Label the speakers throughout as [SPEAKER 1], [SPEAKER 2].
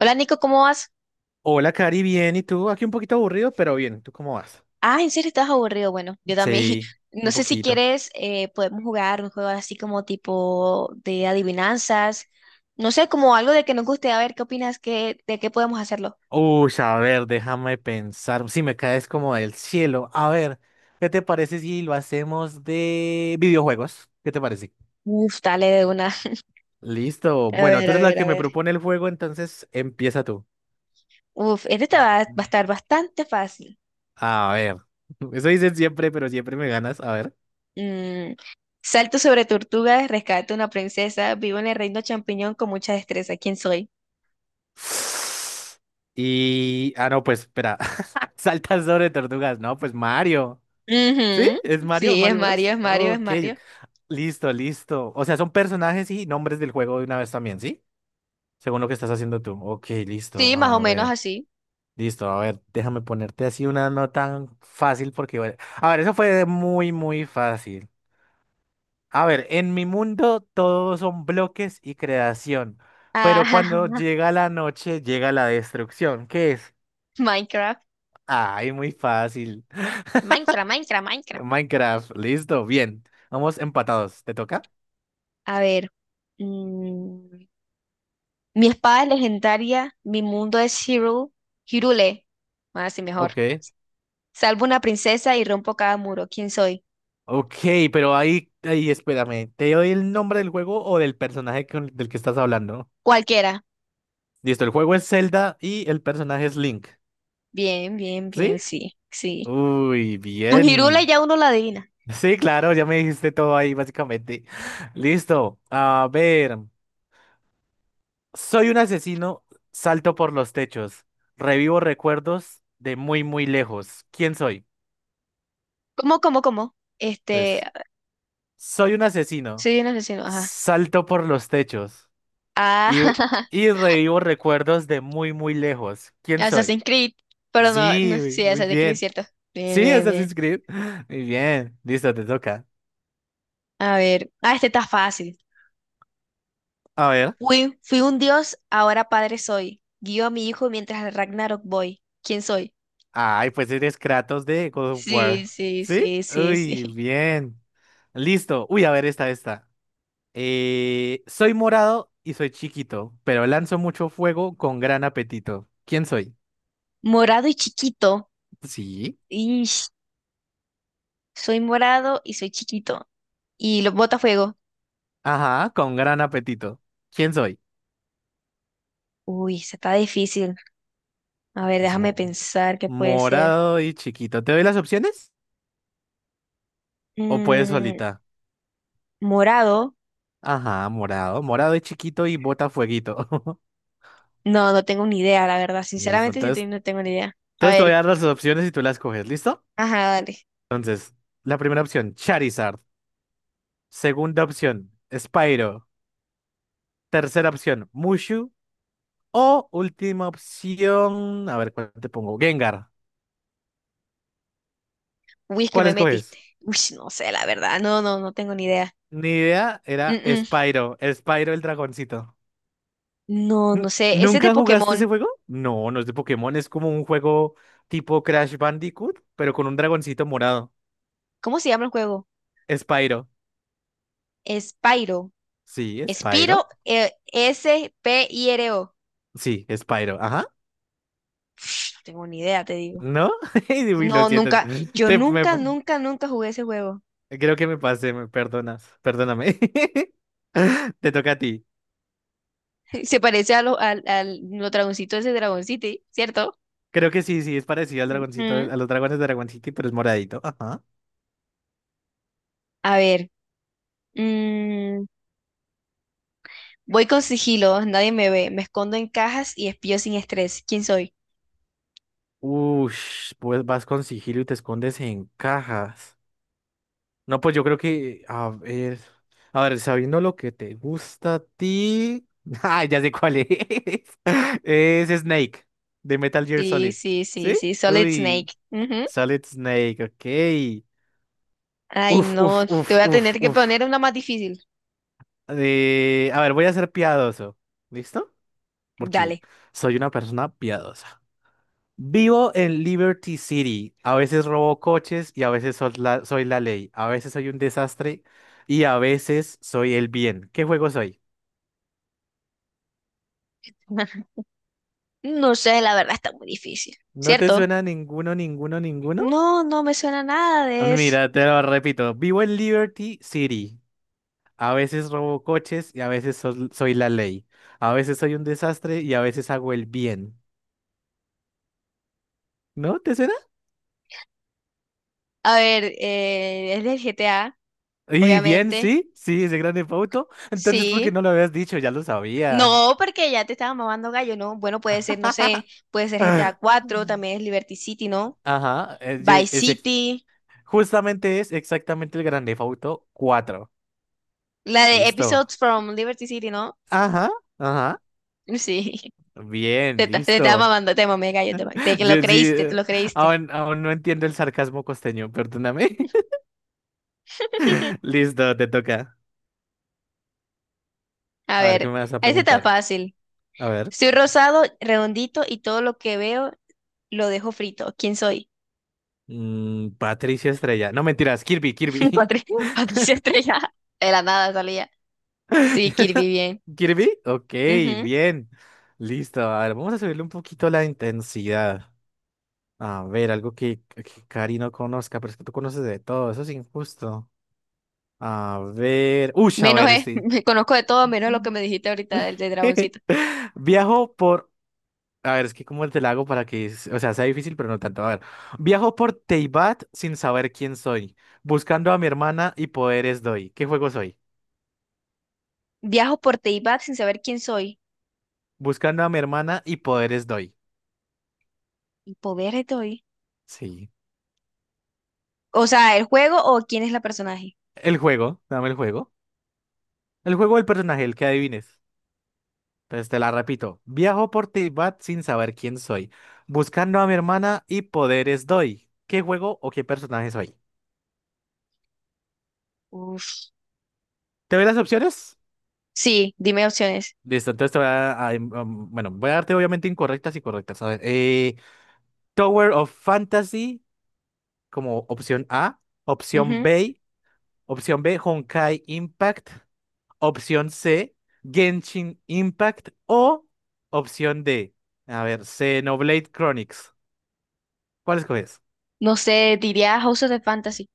[SPEAKER 1] Hola Nico, ¿cómo vas?
[SPEAKER 2] Hola, Cari, bien. ¿Y tú? Aquí un poquito aburrido, pero bien. ¿Tú cómo vas?
[SPEAKER 1] Ah, ¿en serio estás aburrido? Bueno, yo también.
[SPEAKER 2] Sí,
[SPEAKER 1] No
[SPEAKER 2] un
[SPEAKER 1] sé si
[SPEAKER 2] poquito.
[SPEAKER 1] quieres, podemos jugar un juego así como tipo de adivinanzas. No sé, como algo de que nos guste. A ver, ¿qué opinas? ¿Qué, de qué podemos hacerlo?
[SPEAKER 2] Uy, a ver, déjame pensar. Si me caes como del cielo. A ver, ¿qué te parece si lo hacemos de videojuegos? ¿Qué te parece?
[SPEAKER 1] Uf, dale de una.
[SPEAKER 2] Listo.
[SPEAKER 1] A
[SPEAKER 2] Bueno,
[SPEAKER 1] ver,
[SPEAKER 2] tú
[SPEAKER 1] a
[SPEAKER 2] eres la
[SPEAKER 1] ver,
[SPEAKER 2] que
[SPEAKER 1] a
[SPEAKER 2] me
[SPEAKER 1] ver.
[SPEAKER 2] propone el juego, entonces empieza tú.
[SPEAKER 1] Uf, este te va a
[SPEAKER 2] Mm.
[SPEAKER 1] estar bastante fácil.
[SPEAKER 2] A ver. Eso dicen siempre, pero siempre me ganas. A ver.
[SPEAKER 1] Mm, salto sobre tortugas, rescato una princesa, vivo en el reino champiñón con mucha destreza. ¿Quién soy?
[SPEAKER 2] Ah, no, pues espera. Saltas sobre tortugas. No, pues Mario. ¿Sí?
[SPEAKER 1] Ujú.
[SPEAKER 2] ¿Es Mario?
[SPEAKER 1] Sí, es
[SPEAKER 2] ¿Mario
[SPEAKER 1] Mario,
[SPEAKER 2] Bros?
[SPEAKER 1] es Mario, es
[SPEAKER 2] Ok,
[SPEAKER 1] Mario.
[SPEAKER 2] ok. Listo, listo. O sea, son personajes y nombres del juego de una vez también, ¿sí? Según lo que estás haciendo tú. Ok, listo.
[SPEAKER 1] Sí, más o
[SPEAKER 2] A
[SPEAKER 1] menos
[SPEAKER 2] ver,
[SPEAKER 1] así.
[SPEAKER 2] listo. A ver, déjame ponerte así una no tan fácil porque, bueno, a ver, eso fue muy, muy fácil. A ver, en mi mundo todos son bloques y creación, pero
[SPEAKER 1] Ajá.
[SPEAKER 2] cuando llega la noche llega la destrucción. ¿Qué es?
[SPEAKER 1] Minecraft.
[SPEAKER 2] Ay, muy fácil.
[SPEAKER 1] Minecraft, Minecraft, Minecraft.
[SPEAKER 2] Minecraft, listo, bien. Vamos empatados. ¿Te toca?
[SPEAKER 1] A ver. Mm, mi espada es legendaria, mi mundo es Hyrule. Hyrule. Más así mejor.
[SPEAKER 2] Ok.
[SPEAKER 1] Salvo una princesa y rompo cada muro. ¿Quién soy?
[SPEAKER 2] Ok, pero ahí, espérame, ¿te doy el nombre del juego o del personaje del que estás hablando?
[SPEAKER 1] Cualquiera.
[SPEAKER 2] Listo, el juego es Zelda y el personaje es Link,
[SPEAKER 1] Bien, bien,
[SPEAKER 2] ¿sí?
[SPEAKER 1] bien, sí, sí.
[SPEAKER 2] Uy,
[SPEAKER 1] Con Hyrule
[SPEAKER 2] bien.
[SPEAKER 1] ya uno la adivina.
[SPEAKER 2] Sí, claro, ya me dijiste todo ahí, básicamente. Listo, a ver. Soy un asesino, salto por los techos, revivo recuerdos de muy, muy lejos. ¿Quién soy?
[SPEAKER 1] ¿Cómo, cómo, cómo? Este,
[SPEAKER 2] Entonces, soy un asesino,
[SPEAKER 1] soy un asesino, ajá.
[SPEAKER 2] salto por los techos.
[SPEAKER 1] Ah,
[SPEAKER 2] Y, y revivo recuerdos de muy, muy lejos. ¿Quién soy?
[SPEAKER 1] Assassin's Creed. Pero no,
[SPEAKER 2] Sí,
[SPEAKER 1] no,
[SPEAKER 2] muy
[SPEAKER 1] sí,
[SPEAKER 2] muy
[SPEAKER 1] Assassin's Creed,
[SPEAKER 2] bien.
[SPEAKER 1] cierto. Bien,
[SPEAKER 2] Sí,
[SPEAKER 1] bien, bien.
[SPEAKER 2] Assassin's Creed. Muy bien. Listo, te toca.
[SPEAKER 1] A ver. Ah, este está fácil.
[SPEAKER 2] A ver.
[SPEAKER 1] Fui un dios, ahora padre soy. Guío a mi hijo mientras al Ragnarok voy. ¿Quién soy?
[SPEAKER 2] Ay, pues eres Kratos de God of War.
[SPEAKER 1] Sí, sí,
[SPEAKER 2] ¿Sí?
[SPEAKER 1] sí, sí,
[SPEAKER 2] Uy,
[SPEAKER 1] sí.
[SPEAKER 2] bien. Listo. Uy, a ver, esta, esta. Soy morado y soy chiquito, pero lanzo mucho fuego con gran apetito. ¿Quién soy?
[SPEAKER 1] Morado y chiquito.
[SPEAKER 2] Sí.
[SPEAKER 1] Ish, soy morado y soy chiquito. Y los botafuego.
[SPEAKER 2] Ajá, con gran apetito. ¿Quién soy?
[SPEAKER 1] Uy, se está difícil. A ver,
[SPEAKER 2] Es
[SPEAKER 1] déjame
[SPEAKER 2] mo-
[SPEAKER 1] pensar qué puede ser.
[SPEAKER 2] morado y chiquito. ¿Te doy las opciones? O puedes
[SPEAKER 1] Mm,
[SPEAKER 2] solita.
[SPEAKER 1] morado.
[SPEAKER 2] Ajá, morado. Morado es chiquito y bota fueguito.
[SPEAKER 1] No, no tengo ni idea, la verdad.
[SPEAKER 2] Listo.
[SPEAKER 1] Sinceramente, sí, te-
[SPEAKER 2] Entonces,
[SPEAKER 1] no tengo ni idea. A
[SPEAKER 2] entonces te voy a
[SPEAKER 1] ver,
[SPEAKER 2] dar las opciones y tú las coges. ¿Listo?
[SPEAKER 1] ajá, dale.
[SPEAKER 2] Entonces, la primera opción, Charizard. Segunda opción, Spyro. Tercera opción, Mushu. O última opción, a ver cuál te pongo, Gengar.
[SPEAKER 1] Uy, es que
[SPEAKER 2] ¿Cuál
[SPEAKER 1] me metiste.
[SPEAKER 2] escoges?
[SPEAKER 1] Uy, no sé, la verdad. No, no, no tengo ni idea.
[SPEAKER 2] Ni idea,
[SPEAKER 1] Mm,
[SPEAKER 2] era
[SPEAKER 1] mm.
[SPEAKER 2] Spyro. Spyro el dragoncito.
[SPEAKER 1] No, no sé. Ese es de
[SPEAKER 2] ¿Nunca jugaste ese
[SPEAKER 1] Pokémon.
[SPEAKER 2] juego? No, no es de Pokémon, es como un juego tipo Crash Bandicoot, pero con un dragoncito morado.
[SPEAKER 1] ¿Cómo se llama el juego?
[SPEAKER 2] Spyro.
[SPEAKER 1] Spyro.
[SPEAKER 2] Sí,
[SPEAKER 1] Spyro,
[SPEAKER 2] Spyro.
[SPEAKER 1] S-P-I-R-O.
[SPEAKER 2] Sí, Spyro. Ajá.
[SPEAKER 1] No tengo ni idea, te digo.
[SPEAKER 2] ¿No? Uy, lo
[SPEAKER 1] No,
[SPEAKER 2] siento.
[SPEAKER 1] nunca. Yo
[SPEAKER 2] Te- me-
[SPEAKER 1] nunca, nunca, nunca jugué ese juego.
[SPEAKER 2] creo que me pasé, me perdonas. Perdóname. Te toca a ti.
[SPEAKER 1] Se parece a lo, al, al, los dragoncitos de ese Dragon City, ¿cierto?
[SPEAKER 2] Creo que sí, sí, es parecido al dragoncito,
[SPEAKER 1] Ujú.
[SPEAKER 2] a los dragones de Dragon City, pero es moradito. Ajá.
[SPEAKER 1] A ver. Mm, voy con sigilo. Nadie me ve. Me escondo en cajas y espío sin estrés. ¿Quién soy?
[SPEAKER 2] Ush, pues vas con sigilo y te escondes en cajas. No, pues yo creo que, a ver, sabiendo lo que te gusta a ti. Ah, ya sé cuál es. Es Snake, de Metal Gear
[SPEAKER 1] Sí,
[SPEAKER 2] Solid.
[SPEAKER 1] sí, sí,
[SPEAKER 2] ¿Sí?
[SPEAKER 1] sí. Solid
[SPEAKER 2] Uy,
[SPEAKER 1] Snake. Ujú.
[SPEAKER 2] Solid Snake, ok.
[SPEAKER 1] Ay,
[SPEAKER 2] Uf,
[SPEAKER 1] no.
[SPEAKER 2] uf,
[SPEAKER 1] Te
[SPEAKER 2] uf,
[SPEAKER 1] voy a
[SPEAKER 2] uf,
[SPEAKER 1] tener que poner
[SPEAKER 2] uf.
[SPEAKER 1] una más difícil.
[SPEAKER 2] A ver, voy a ser piadoso. ¿Listo? Porque
[SPEAKER 1] Dale.
[SPEAKER 2] soy una persona piadosa. Vivo en Liberty City. A veces robo coches y a veces soy la ley. A veces soy un desastre y a veces soy el bien. ¿Qué juego soy?
[SPEAKER 1] No sé, la verdad está muy difícil,
[SPEAKER 2] ¿No te
[SPEAKER 1] ¿cierto?
[SPEAKER 2] suena ninguno, ninguno, ninguno?
[SPEAKER 1] No, no me suena nada de eso.
[SPEAKER 2] Mira, te lo repito. Vivo en Liberty City. A veces robo coches y a veces soy la ley. A veces soy un desastre y a veces hago el bien. ¿No te suena?
[SPEAKER 1] A ver, es del GTA,
[SPEAKER 2] Y bien,
[SPEAKER 1] obviamente.
[SPEAKER 2] sí, sí, ese grande Theft Auto. Entonces, ¿por qué
[SPEAKER 1] Sí.
[SPEAKER 2] no lo habías dicho? Ya lo sabías.
[SPEAKER 1] No, porque ya te estaba mamando gallo, ¿no? Bueno, puede ser, no sé, puede ser GTA 4 también es Liberty City, ¿no?
[SPEAKER 2] Ajá, es, yo-
[SPEAKER 1] Vice
[SPEAKER 2] es ex-
[SPEAKER 1] City,
[SPEAKER 2] justamente es exactamente el Grand Theft Auto 4.
[SPEAKER 1] la de
[SPEAKER 2] Listo.
[SPEAKER 1] Episodes from Liberty City, ¿no?
[SPEAKER 2] Ajá, ajá.
[SPEAKER 1] Sí,
[SPEAKER 2] Bien,
[SPEAKER 1] te, ta- te estaba
[SPEAKER 2] listo.
[SPEAKER 1] mamando, te mamé gallo, te, ma- te que lo
[SPEAKER 2] Yo sí,
[SPEAKER 1] creíste, te lo creíste.
[SPEAKER 2] aún no entiendo el sarcasmo costeño, perdóname. Listo, te toca.
[SPEAKER 1] A
[SPEAKER 2] A ver, ¿qué
[SPEAKER 1] ver,
[SPEAKER 2] me vas a
[SPEAKER 1] este está
[SPEAKER 2] preguntar?
[SPEAKER 1] fácil.
[SPEAKER 2] A ver.
[SPEAKER 1] Soy rosado, redondito y todo lo que veo lo dejo frito. ¿Quién soy?
[SPEAKER 2] Patricia Estrella. No mentiras, Kirby, Kirby.
[SPEAKER 1] Patri- Patricia Estrella. De la nada salía. Sí, Kirby, bien.
[SPEAKER 2] ¿Kirby? Ok,
[SPEAKER 1] Ujú.
[SPEAKER 2] bien. Listo. A ver, vamos a subirle un poquito la intensidad. A ver, algo que Cari no conozca, pero es que tú conoces de todo, eso es injusto. A ver, uy, a
[SPEAKER 1] Menos
[SPEAKER 2] ver,
[SPEAKER 1] es,
[SPEAKER 2] sí.
[SPEAKER 1] me conozco de todo, menos lo que me dijiste ahorita del de Dragoncito.
[SPEAKER 2] Viajo por, a ver, es que cómo te la hago para que, o sea, sea difícil, pero no tanto. A ver, viajo por Teibat sin saber quién soy, buscando a mi hermana y poderes doy. ¿Qué juego soy?
[SPEAKER 1] Viajo por Teyvat sin saber quién soy.
[SPEAKER 2] Buscando a mi hermana y poderes doy.
[SPEAKER 1] Y poder estoy.
[SPEAKER 2] Sí.
[SPEAKER 1] O sea, ¿el juego o quién es la personaje?
[SPEAKER 2] El juego, dame el juego. El juego del personaje, el que adivines. Entonces te la repito. Viajo por Tibat sin saber quién soy. Buscando a mi hermana y poderes doy. ¿Qué juego o qué personaje soy?
[SPEAKER 1] Uf.
[SPEAKER 2] ¿Te doy las opciones?
[SPEAKER 1] Sí, dime opciones.
[SPEAKER 2] Listo, entonces te voy a- em, um, bueno, voy a darte obviamente incorrectas y correctas. A ver, Tower of Fantasy como opción A,
[SPEAKER 1] Ujú.
[SPEAKER 2] Opción B, Honkai Impact, opción C, Genshin Impact o opción D, a ver, Xenoblade Chronicles. ¿Cuál escoges?
[SPEAKER 1] No sé, diría House of the Fantasy.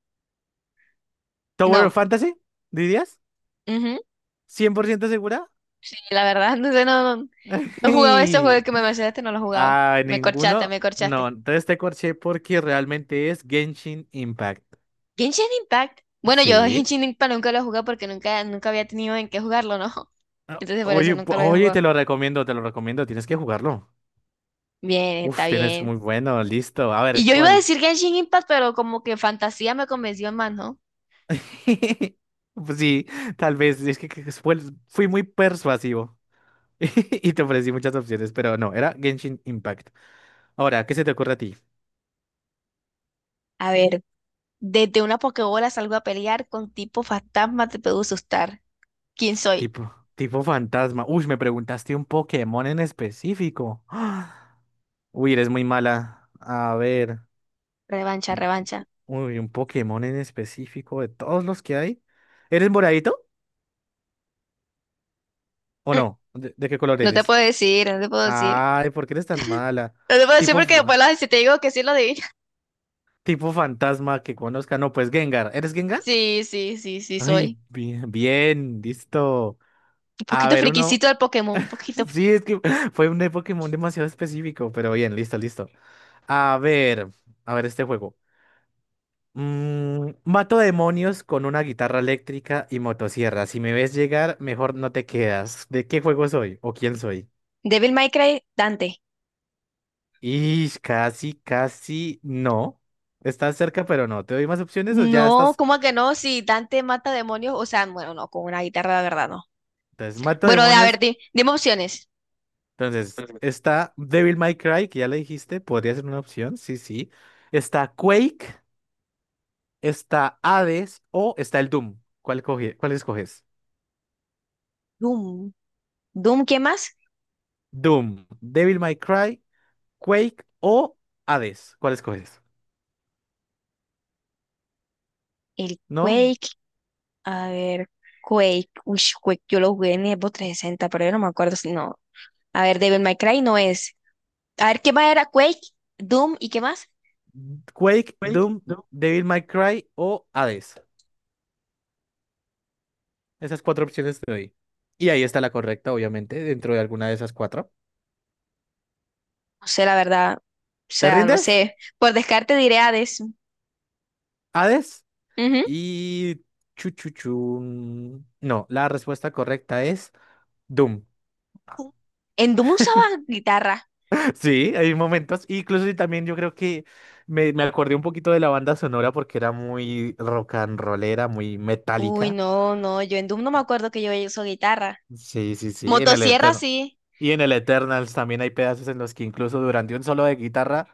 [SPEAKER 2] ¿Tower
[SPEAKER 1] No.
[SPEAKER 2] of Fantasy? ¿Dirías?
[SPEAKER 1] Ujú.
[SPEAKER 2] ¿Cien por ciento segura?
[SPEAKER 1] Sí, la verdad, no sé, no, no, no he jugado ese juego que me mencionaste, no lo he jugado.
[SPEAKER 2] Ah,
[SPEAKER 1] Me corchaste,
[SPEAKER 2] ninguno.
[SPEAKER 1] me
[SPEAKER 2] No,
[SPEAKER 1] corchaste.
[SPEAKER 2] entonces te corché porque realmente es Genshin Impact.
[SPEAKER 1] Genshin Impact. Bueno, yo
[SPEAKER 2] Sí.
[SPEAKER 1] Genshin Impact nunca lo he jugado porque nunca, nunca había tenido en qué jugarlo, ¿no?
[SPEAKER 2] Ah,
[SPEAKER 1] Entonces por eso
[SPEAKER 2] oye,
[SPEAKER 1] nunca lo había
[SPEAKER 2] oye,
[SPEAKER 1] jugado.
[SPEAKER 2] te lo recomiendo, tienes que jugarlo.
[SPEAKER 1] Bien, está
[SPEAKER 2] Uf, tienes
[SPEAKER 1] bien.
[SPEAKER 2] muy bueno, listo. A
[SPEAKER 1] Y
[SPEAKER 2] ver,
[SPEAKER 1] yo iba a
[SPEAKER 2] ¿cuál?
[SPEAKER 1] decir Genshin Impact, pero como que fantasía me convenció más, ¿no?
[SPEAKER 2] Pues sí, tal vez, es que fue- fui muy persuasivo. Y te ofrecí muchas opciones, pero no, era Genshin Impact. Ahora, ¿qué se te ocurre a ti?
[SPEAKER 1] A ver, desde una Pokébola salgo a pelear con tipo fantasma, te puedo asustar. ¿Quién soy?
[SPEAKER 2] Tipo fantasma. Uy, me preguntaste un Pokémon en específico. Uy, eres muy mala. A ver,
[SPEAKER 1] Revancha, revancha.
[SPEAKER 2] uy, un Pokémon en específico de todos los que hay. ¿Eres moradito o
[SPEAKER 1] Mm,
[SPEAKER 2] no? ¿De qué color
[SPEAKER 1] no te
[SPEAKER 2] eres?
[SPEAKER 1] puedo decir, no te puedo decir.
[SPEAKER 2] Ay, ¿por qué eres tan mala?
[SPEAKER 1] No te puedo decir
[SPEAKER 2] Tipo,
[SPEAKER 1] porque después
[SPEAKER 2] fa-
[SPEAKER 1] lo- si te digo que sí lo adivinas.
[SPEAKER 2] tipo fantasma que conozca. No, pues Gengar. ¿Eres Gengar?
[SPEAKER 1] Sí, sí, sí, sí
[SPEAKER 2] Ay,
[SPEAKER 1] soy.
[SPEAKER 2] bien, bien, listo.
[SPEAKER 1] Un
[SPEAKER 2] A
[SPEAKER 1] poquito
[SPEAKER 2] ver, uno.
[SPEAKER 1] friquisito del Pokémon, un poquito.
[SPEAKER 2] Sí, es que fue un de Pokémon demasiado específico, pero bien, listo, listo. A ver, a ver este juego. Mm, mato demonios con una guitarra eléctrica y motosierra. Si me ves llegar, mejor no te quedas. ¿De qué juego soy o quién soy?
[SPEAKER 1] Devil May Cry, Dante.
[SPEAKER 2] Y casi, casi no. Estás cerca, pero no. ¿Te doy más opciones o ya
[SPEAKER 1] No,
[SPEAKER 2] estás?
[SPEAKER 1] ¿cómo que no? Si Dante mata demonios, o sea, bueno, no, con una guitarra la verdad no.
[SPEAKER 2] Entonces, mato
[SPEAKER 1] Bueno, de, a ver,
[SPEAKER 2] demonios.
[SPEAKER 1] di- dime opciones.
[SPEAKER 2] Entonces, está Devil May Cry, que ya le dijiste, podría ser una opción. Sí, sí. Está Quake, está Hades o está el Doom. ¿Cuál escoges?
[SPEAKER 1] Doom. Doom, ¿qué más?
[SPEAKER 2] Doom, Devil May Cry, Quake o Hades. ¿Cuál escoges?
[SPEAKER 1] El
[SPEAKER 2] ¿No?
[SPEAKER 1] Quake. A ver, Quake. Uy, Quake, yo lo jugué en Xbox 360, pero yo no me acuerdo si no. A ver, Devil May Cry no es. A ver, ¿qué más era Quake? Doom, ¿y qué más?
[SPEAKER 2] Quake,
[SPEAKER 1] Quake,
[SPEAKER 2] Doom,
[SPEAKER 1] Doom.
[SPEAKER 2] Devil May Cry o Hades. Esas cuatro opciones te doy. Y ahí está la correcta, obviamente, dentro de alguna de esas cuatro.
[SPEAKER 1] No sé, la verdad. O
[SPEAKER 2] ¿Te
[SPEAKER 1] sea, no
[SPEAKER 2] rindes?
[SPEAKER 1] sé. Por descarte diré Hades.
[SPEAKER 2] Hades
[SPEAKER 1] Ujú.
[SPEAKER 2] y chuchuchun. No, la respuesta correcta es Doom.
[SPEAKER 1] En Doom usaba guitarra.
[SPEAKER 2] Sí, hay momentos. Incluso y también yo creo que me acordé un poquito de la banda sonora porque era muy rock and rollera, muy
[SPEAKER 1] Uy,
[SPEAKER 2] metálica.
[SPEAKER 1] no, no, yo en Doom no me acuerdo que yo uso guitarra.
[SPEAKER 2] Sí, sí, sí, en el
[SPEAKER 1] Motosierra
[SPEAKER 2] Eterno.
[SPEAKER 1] sí,
[SPEAKER 2] Y en el Eternals también hay pedazos en los que incluso durante un solo de guitarra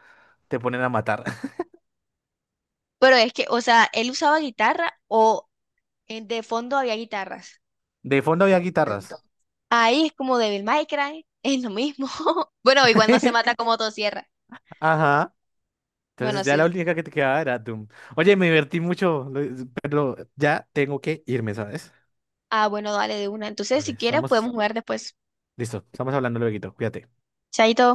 [SPEAKER 2] te ponen a matar.
[SPEAKER 1] pero es que, o sea, él usaba guitarra o en- de fondo había guitarras.
[SPEAKER 2] De fondo había guitarras.
[SPEAKER 1] Ahí es como Devil May Cry, es lo mismo. Bueno, igual no se mata con motosierra.
[SPEAKER 2] Ajá.
[SPEAKER 1] Bueno,
[SPEAKER 2] Entonces ya
[SPEAKER 1] sí.
[SPEAKER 2] la única que te quedaba era Doom. Oye, me divertí mucho, pero ya tengo que irme, ¿sabes?
[SPEAKER 1] Ah, bueno, dale de una. Entonces,
[SPEAKER 2] Vale,
[SPEAKER 1] si quieres,
[SPEAKER 2] estamos...
[SPEAKER 1] podemos jugar después.
[SPEAKER 2] Listo, estamos hablando luego, cuídate.
[SPEAKER 1] Chaito.